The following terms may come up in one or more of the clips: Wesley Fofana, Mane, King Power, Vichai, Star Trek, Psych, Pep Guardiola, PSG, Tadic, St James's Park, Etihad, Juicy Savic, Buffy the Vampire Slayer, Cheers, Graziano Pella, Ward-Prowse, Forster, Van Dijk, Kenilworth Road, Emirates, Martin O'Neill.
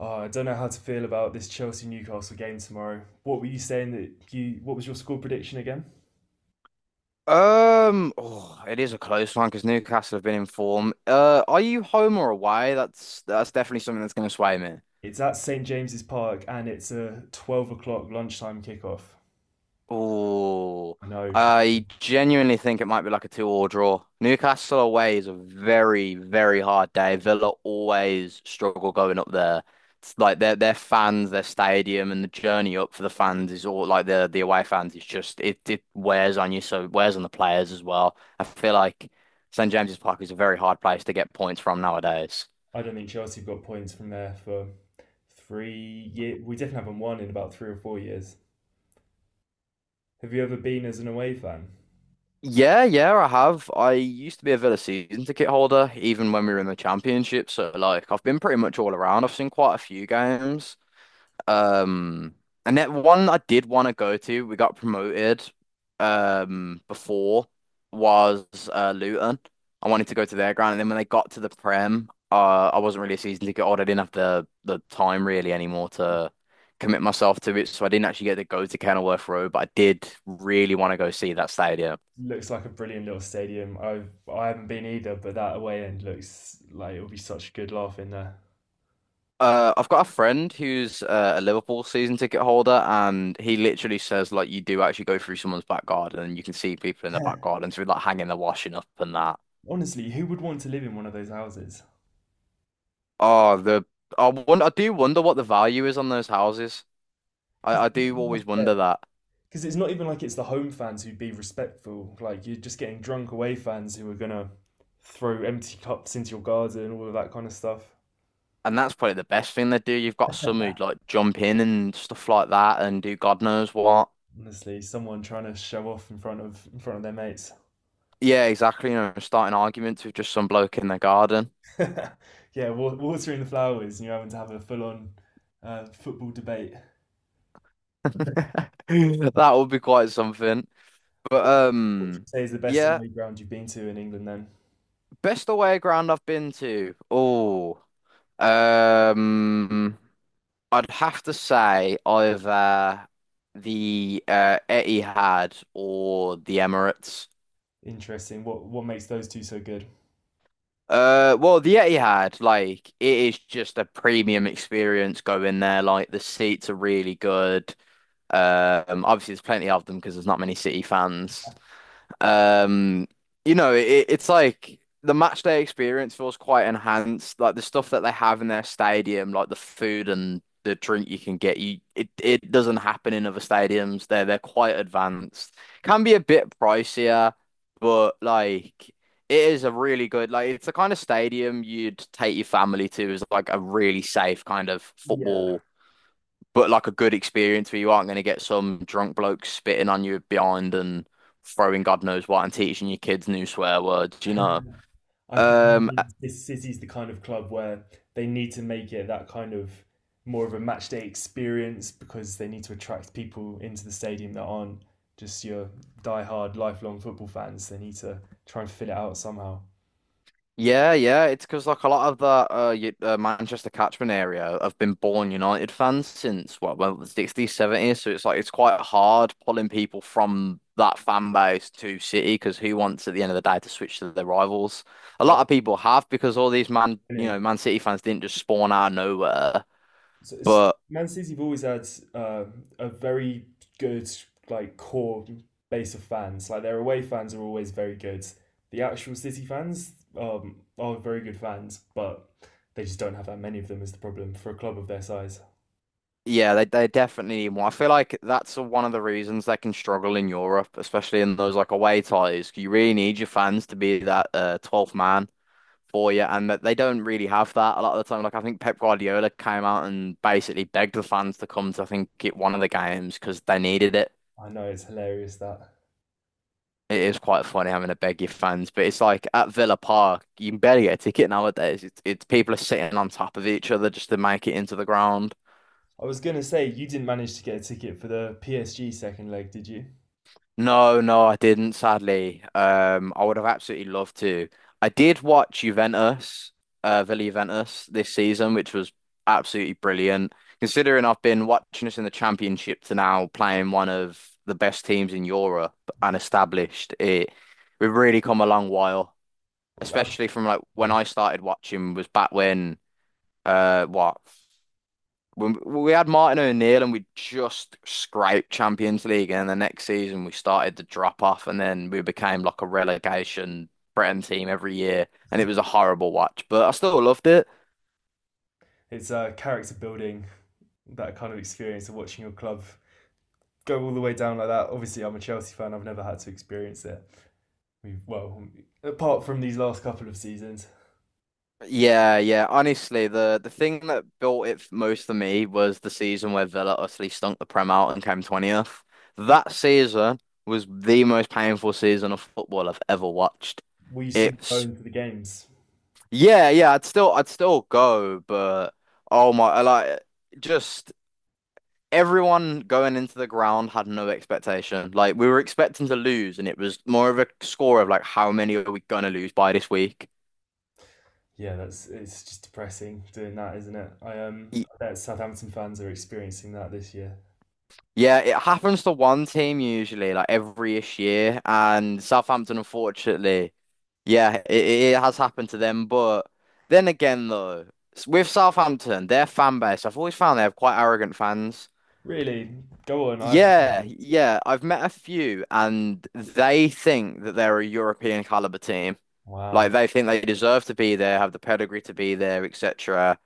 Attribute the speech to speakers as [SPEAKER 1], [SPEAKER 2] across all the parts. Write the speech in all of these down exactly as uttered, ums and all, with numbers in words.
[SPEAKER 1] Oh, I don't know how to feel about this Chelsea Newcastle game tomorrow. What were you saying that you? What was your score prediction again?
[SPEAKER 2] Um, oh, it is a close one because Newcastle have been in form. Uh, are you home or away? That's that's definitely something that's going to sway me.
[SPEAKER 1] It's at St James's Park and it's a twelve o'clock lunchtime kickoff.
[SPEAKER 2] Oh,
[SPEAKER 1] I know.
[SPEAKER 2] I genuinely think it might be like a two-all draw. Newcastle away is a very, very hard day. Villa always struggle going up there. It's like their their fans, their stadium, and the journey up for the fans is all like the the away fans is just it it wears on you, so it wears on the players as well. I feel like St James's Park is a very hard place to get points from nowadays.
[SPEAKER 1] I don't think Chelsea have got points from there for three years. We definitely haven't won in about three or four years. Have you ever been as an away fan?
[SPEAKER 2] Yeah, yeah, I have. I used to be a Villa season ticket holder, even when we were in the championship. So like I've been pretty much all around. I've seen quite a few games. Um and that one I did want to go to, we got promoted um before was uh Luton. I wanted to go to their ground and then when they got to the Prem, uh I wasn't really a season ticket holder. I didn't have the the time really anymore to commit myself to it. So I didn't actually get to go to Kenilworth Road, but I did really want to go see that stadium.
[SPEAKER 1] Looks like a brilliant little stadium. I've I haven't been either, but that away end looks like it'll be such a good laugh in there.
[SPEAKER 2] Uh, I've got a friend who's uh, a Liverpool season ticket holder, and he literally says like you do actually go through someone's back garden, and you can see people in the back garden, so like hanging their washing up and that.
[SPEAKER 1] Honestly, who would want to live in one of those houses?
[SPEAKER 2] Oh, the I wonder, I do wonder what the value is on those houses. I,
[SPEAKER 1] Because
[SPEAKER 2] I
[SPEAKER 1] I
[SPEAKER 2] do
[SPEAKER 1] must
[SPEAKER 2] always
[SPEAKER 1] say,
[SPEAKER 2] wonder that,
[SPEAKER 1] because it's not even like it's the home fans who'd be respectful. Like you're just getting drunk away fans who are gonna throw empty cups into your garden, and all of that kind of stuff.
[SPEAKER 2] and that's probably the best thing they do. You've got some who like jump in and stuff like that, and do God knows what.
[SPEAKER 1] Honestly, someone trying to show off in front of in front of their mates.
[SPEAKER 2] Yeah, exactly. You know, starting arguments with just some bloke in the garden.
[SPEAKER 1] Yeah, watering the flowers, and you're having to have a full on uh, football debate.
[SPEAKER 2] That would be quite something. But
[SPEAKER 1] What what would you
[SPEAKER 2] um.
[SPEAKER 1] say is the best
[SPEAKER 2] Yeah.
[SPEAKER 1] away ground you've been to in England? Then
[SPEAKER 2] Best away ground I've been to. Oh, um, I'd have to say either the uh, Etihad or the Emirates.
[SPEAKER 1] interesting. What what makes those two so good?
[SPEAKER 2] Uh, well, the Etihad, like it is just a premium experience going there. Like the seats are really good. Um, obviously there's plenty of them because there's not many City fans. Um, you know, it, it's like the match day experience feels quite enhanced. Like the stuff that they have in their stadium, like the food and the drink you can get, you it, it doesn't happen in other stadiums. They're they're quite advanced. Can be a bit pricier, but like it is a really good like it's the kind of stadium you'd take your family to as like a really safe kind of
[SPEAKER 1] Yeah,
[SPEAKER 2] football, but like a good experience where you aren't going to get some drunk bloke spitting on you behind and throwing God knows what and teaching your kids new swear words, you know.
[SPEAKER 1] I can
[SPEAKER 2] Um, uh,
[SPEAKER 1] imagine this city's the kind of club where they need to make it that kind of more of a match day experience because they need to attract people into the stadium that aren't just your die-hard lifelong football fans. They need to try and fill it out somehow.
[SPEAKER 2] yeah, yeah, it's because like a lot of the uh, you, uh Manchester catchment area have been born United fans since what, well, the sixties, seventies, so it's like it's quite hard pulling people from that fan base to City because who wants at the end of the day to switch to their rivals? A
[SPEAKER 1] Yeah,
[SPEAKER 2] lot of people have because all these Man, you know, Man City fans didn't just spawn out of nowhere,
[SPEAKER 1] so it's
[SPEAKER 2] but
[SPEAKER 1] Man City have always had uh, a very good like core base of fans. Like their away fans are always very good. The actual City fans um, are very good fans, but they just don't have that many of them is the problem for a club of their size.
[SPEAKER 2] yeah, they they definitely need more. I feel like that's one of the reasons they can struggle in Europe, especially in those like away ties. You really need your fans to be that uh, twelfth man for you, and that they don't really have that a lot of the time. Like I think Pep Guardiola came out and basically begged the fans to come to, I think, get one of the games because they needed it.
[SPEAKER 1] I know it's hilarious that.
[SPEAKER 2] It is quite funny having to beg your fans, but it's like at Villa Park, you can barely get a ticket nowadays. It's, it's people are sitting on top of each other just to make it into the ground.
[SPEAKER 1] I was gonna say you didn't manage to get a ticket for the P S G second leg, did you?
[SPEAKER 2] No, no, I didn't, sadly. Um, I would have absolutely loved to. I did watch Juventus, uh, Villa Juventus this season, which was absolutely brilliant. Considering I've been watching us in the championship to now playing one of the best teams in Europe and
[SPEAKER 1] Yeah.
[SPEAKER 2] established it, we've really come a long while.
[SPEAKER 1] Oh,
[SPEAKER 2] Especially from like when
[SPEAKER 1] absolutely.
[SPEAKER 2] I started watching was back when uh what when we had Martin O'Neill and we just scraped Champions League, and then the next season we started to drop off, and then we became like a relegation Britain team every year, and it was a horrible watch, but I still loved it.
[SPEAKER 1] It's uh, character building, that kind of experience of watching your club go all the way down like that. Obviously, I'm a Chelsea fan. I've never had to experience it. We've well, apart from these last couple of seasons,
[SPEAKER 2] Yeah, yeah. Honestly, the the thing that built it f- most for me was the season where Villa utterly stunk the Prem out and came twentieth. That season was the most painful season of football I've ever watched.
[SPEAKER 1] we still go
[SPEAKER 2] It's
[SPEAKER 1] into the games.
[SPEAKER 2] Yeah, yeah, I'd still I'd still go, but oh my, I like just everyone going into the ground had no expectation. Like we were expecting to lose, and it was more of a score of like how many are we gonna lose by this week?
[SPEAKER 1] Yeah, that's it's just depressing doing that, isn't it? I um,
[SPEAKER 2] Y-
[SPEAKER 1] I bet Southampton fans are experiencing that this year.
[SPEAKER 2] Yeah, it happens to one team usually, like every-ish year, and Southampton, unfortunately, yeah, it, it has happened to them. But then again, though, s- with Southampton, their fan base, I've always found they have quite arrogant fans.
[SPEAKER 1] Really, go on. I haven't heard
[SPEAKER 2] Yeah,
[SPEAKER 1] this.
[SPEAKER 2] yeah. I've met a few and they think that they're a European caliber team. Like
[SPEAKER 1] Wow,
[SPEAKER 2] they think they deserve to be there, have the pedigree to be there, et cetera.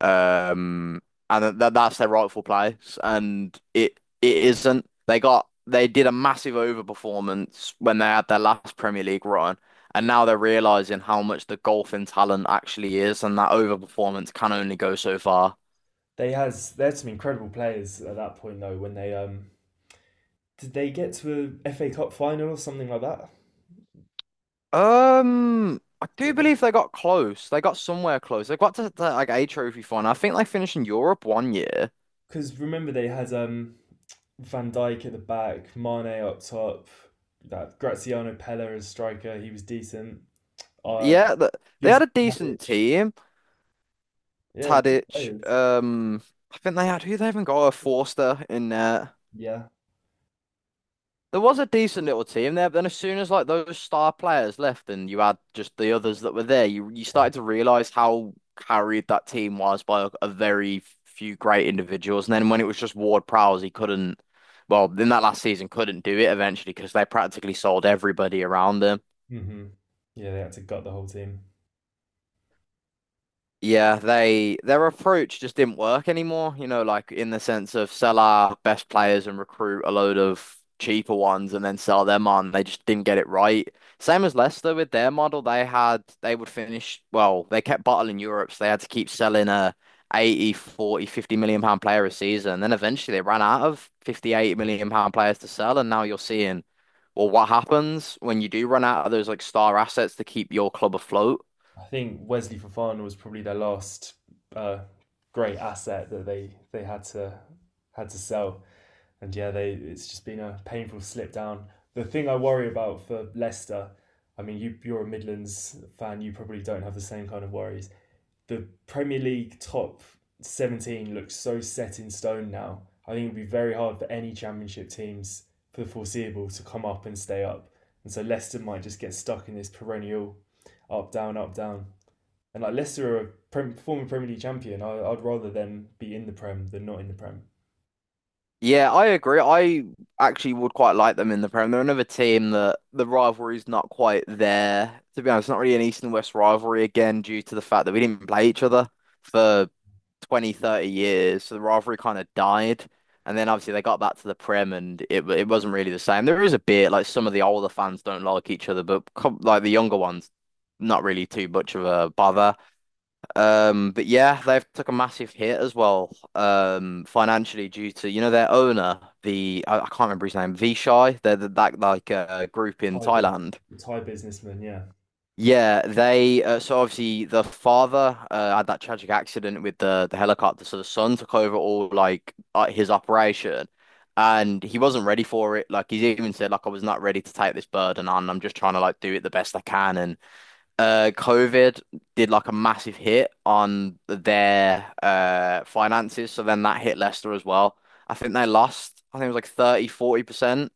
[SPEAKER 2] Um, and that that's their rightful place. And it it isn't. They got they did a massive overperformance when they had their last Premier League run, and now they're realizing how much the golfing talent actually is, and that overperformance can only go so far.
[SPEAKER 1] they has they had some incredible players at that point though. When they um, did they get to a F A Cup final or something like that?
[SPEAKER 2] Um, I do believe they got close. They got somewhere close. They got to, to, like a trophy final. I think they finished in Europe one year.
[SPEAKER 1] Because remember they had um, Van Dijk at the back, Mane up top, that Graziano Pella as striker. He was decent. Uh,
[SPEAKER 2] Yeah, th they had
[SPEAKER 1] Juicy
[SPEAKER 2] a
[SPEAKER 1] Savic.
[SPEAKER 2] decent team.
[SPEAKER 1] Yeah, good
[SPEAKER 2] Tadic.
[SPEAKER 1] players.
[SPEAKER 2] Um, I think they had who they even got a Forster in there.
[SPEAKER 1] Yeah.
[SPEAKER 2] There was a decent little team there, but then as soon as like those star players left and you had just the others that were there, you you started to realize how carried that team was by a, a very few great individuals. And then when it was just Ward-Prowse, he couldn't, well, in that last season, couldn't do it eventually because they practically sold everybody around them.
[SPEAKER 1] Hmm. Yeah, they had to gut the whole team.
[SPEAKER 2] Yeah, they their approach just didn't work anymore, you know, like in the sense of sell our best players and recruit a load of cheaper ones and then sell them on. They just didn't get it right. Same as Leicester with their model, they had they would finish well, they kept bottling Europe, so they had to keep selling a eighty, forty, fifty million pound player a season. Then eventually they ran out of fifty, eighty million pound players to sell, and now you're seeing, well, what happens when you do run out of those like star assets to keep your club afloat?
[SPEAKER 1] I think Wesley Fofana was probably their last uh, great asset that they they had to had to sell. And yeah, they it's just been a painful slip down. The thing I worry about for Leicester, I mean, you you're a Midlands fan, you probably don't have the same kind of worries. The Premier League top seventeen looks so set in stone now. I think it'd be very hard for any championship teams for the foreseeable to come up and stay up. And so Leicester might just get stuck in this perennial up, down, up, down. And like Leicester are a former Premier League champion. I, I'd rather them be in the Prem than not in the Prem.
[SPEAKER 2] Yeah, I agree. I actually would quite like them in the Prem. They're another team that the rivalry's not quite there. To be honest, it's not really an East and West rivalry again due to the fact that we didn't play each other for twenty, thirty years. So the rivalry kind of died. And then obviously they got back to the Prem and it it wasn't really the same. There is a bit like some of the older fans don't like each other, but com like the younger ones, not really too much of a bother. Um, but yeah, they've took a massive hit as well, um, financially due to you know their owner, the I, I can't remember his name, Vichai. They're the, that like uh, group in
[SPEAKER 1] High,
[SPEAKER 2] Thailand.
[SPEAKER 1] it's high businessman, yeah.
[SPEAKER 2] Yeah, they uh, so obviously the father uh, had that tragic accident with the the helicopter, so the son took over all like uh, his operation, and he wasn't ready for it. Like he's even said, like I was not ready to take this burden on. I'm just trying to like do it the best I can, and uh COVID did like a massive hit on their uh finances, so then that hit Leicester as well. I think they lost, I think it was like thirty, forty percent,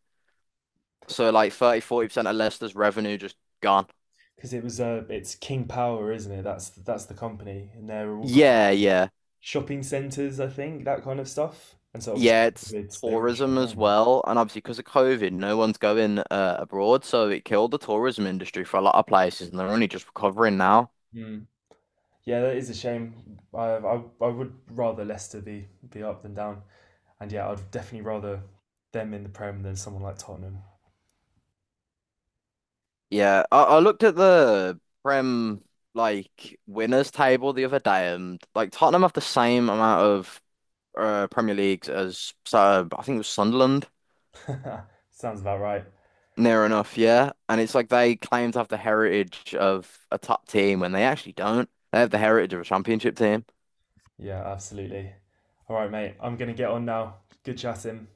[SPEAKER 2] so like thirty, forty percent of Leicester's revenue just gone.
[SPEAKER 1] Because it was uh, it's King Power, isn't it? That's that's the company, and they're all kind
[SPEAKER 2] Yeah,
[SPEAKER 1] of
[SPEAKER 2] yeah,
[SPEAKER 1] shopping centres, I think, that kind of stuff. And so obviously,
[SPEAKER 2] yeah, it's
[SPEAKER 1] COVID, they were
[SPEAKER 2] tourism
[SPEAKER 1] shut
[SPEAKER 2] as
[SPEAKER 1] down.
[SPEAKER 2] well, and obviously because of COVID no one's going uh, abroad, so it killed the tourism industry for a lot of places and they're only just recovering now.
[SPEAKER 1] Mm. Yeah, that is a shame. I, I I would rather Leicester be be up than down. And yeah, I'd definitely rather them in the Prem than someone like Tottenham.
[SPEAKER 2] Yeah, I, I looked at the Prem like winners table the other day, and like Tottenham have the same amount of uh, Premier Leagues as uh, I think it was Sunderland,
[SPEAKER 1] Sounds about right.
[SPEAKER 2] near enough. Yeah, and it's like they claim to have the heritage of a top team when they actually don't. They have the heritage of a championship team.
[SPEAKER 1] Yeah, absolutely. All right, mate. I'm gonna get on now. Good chatting.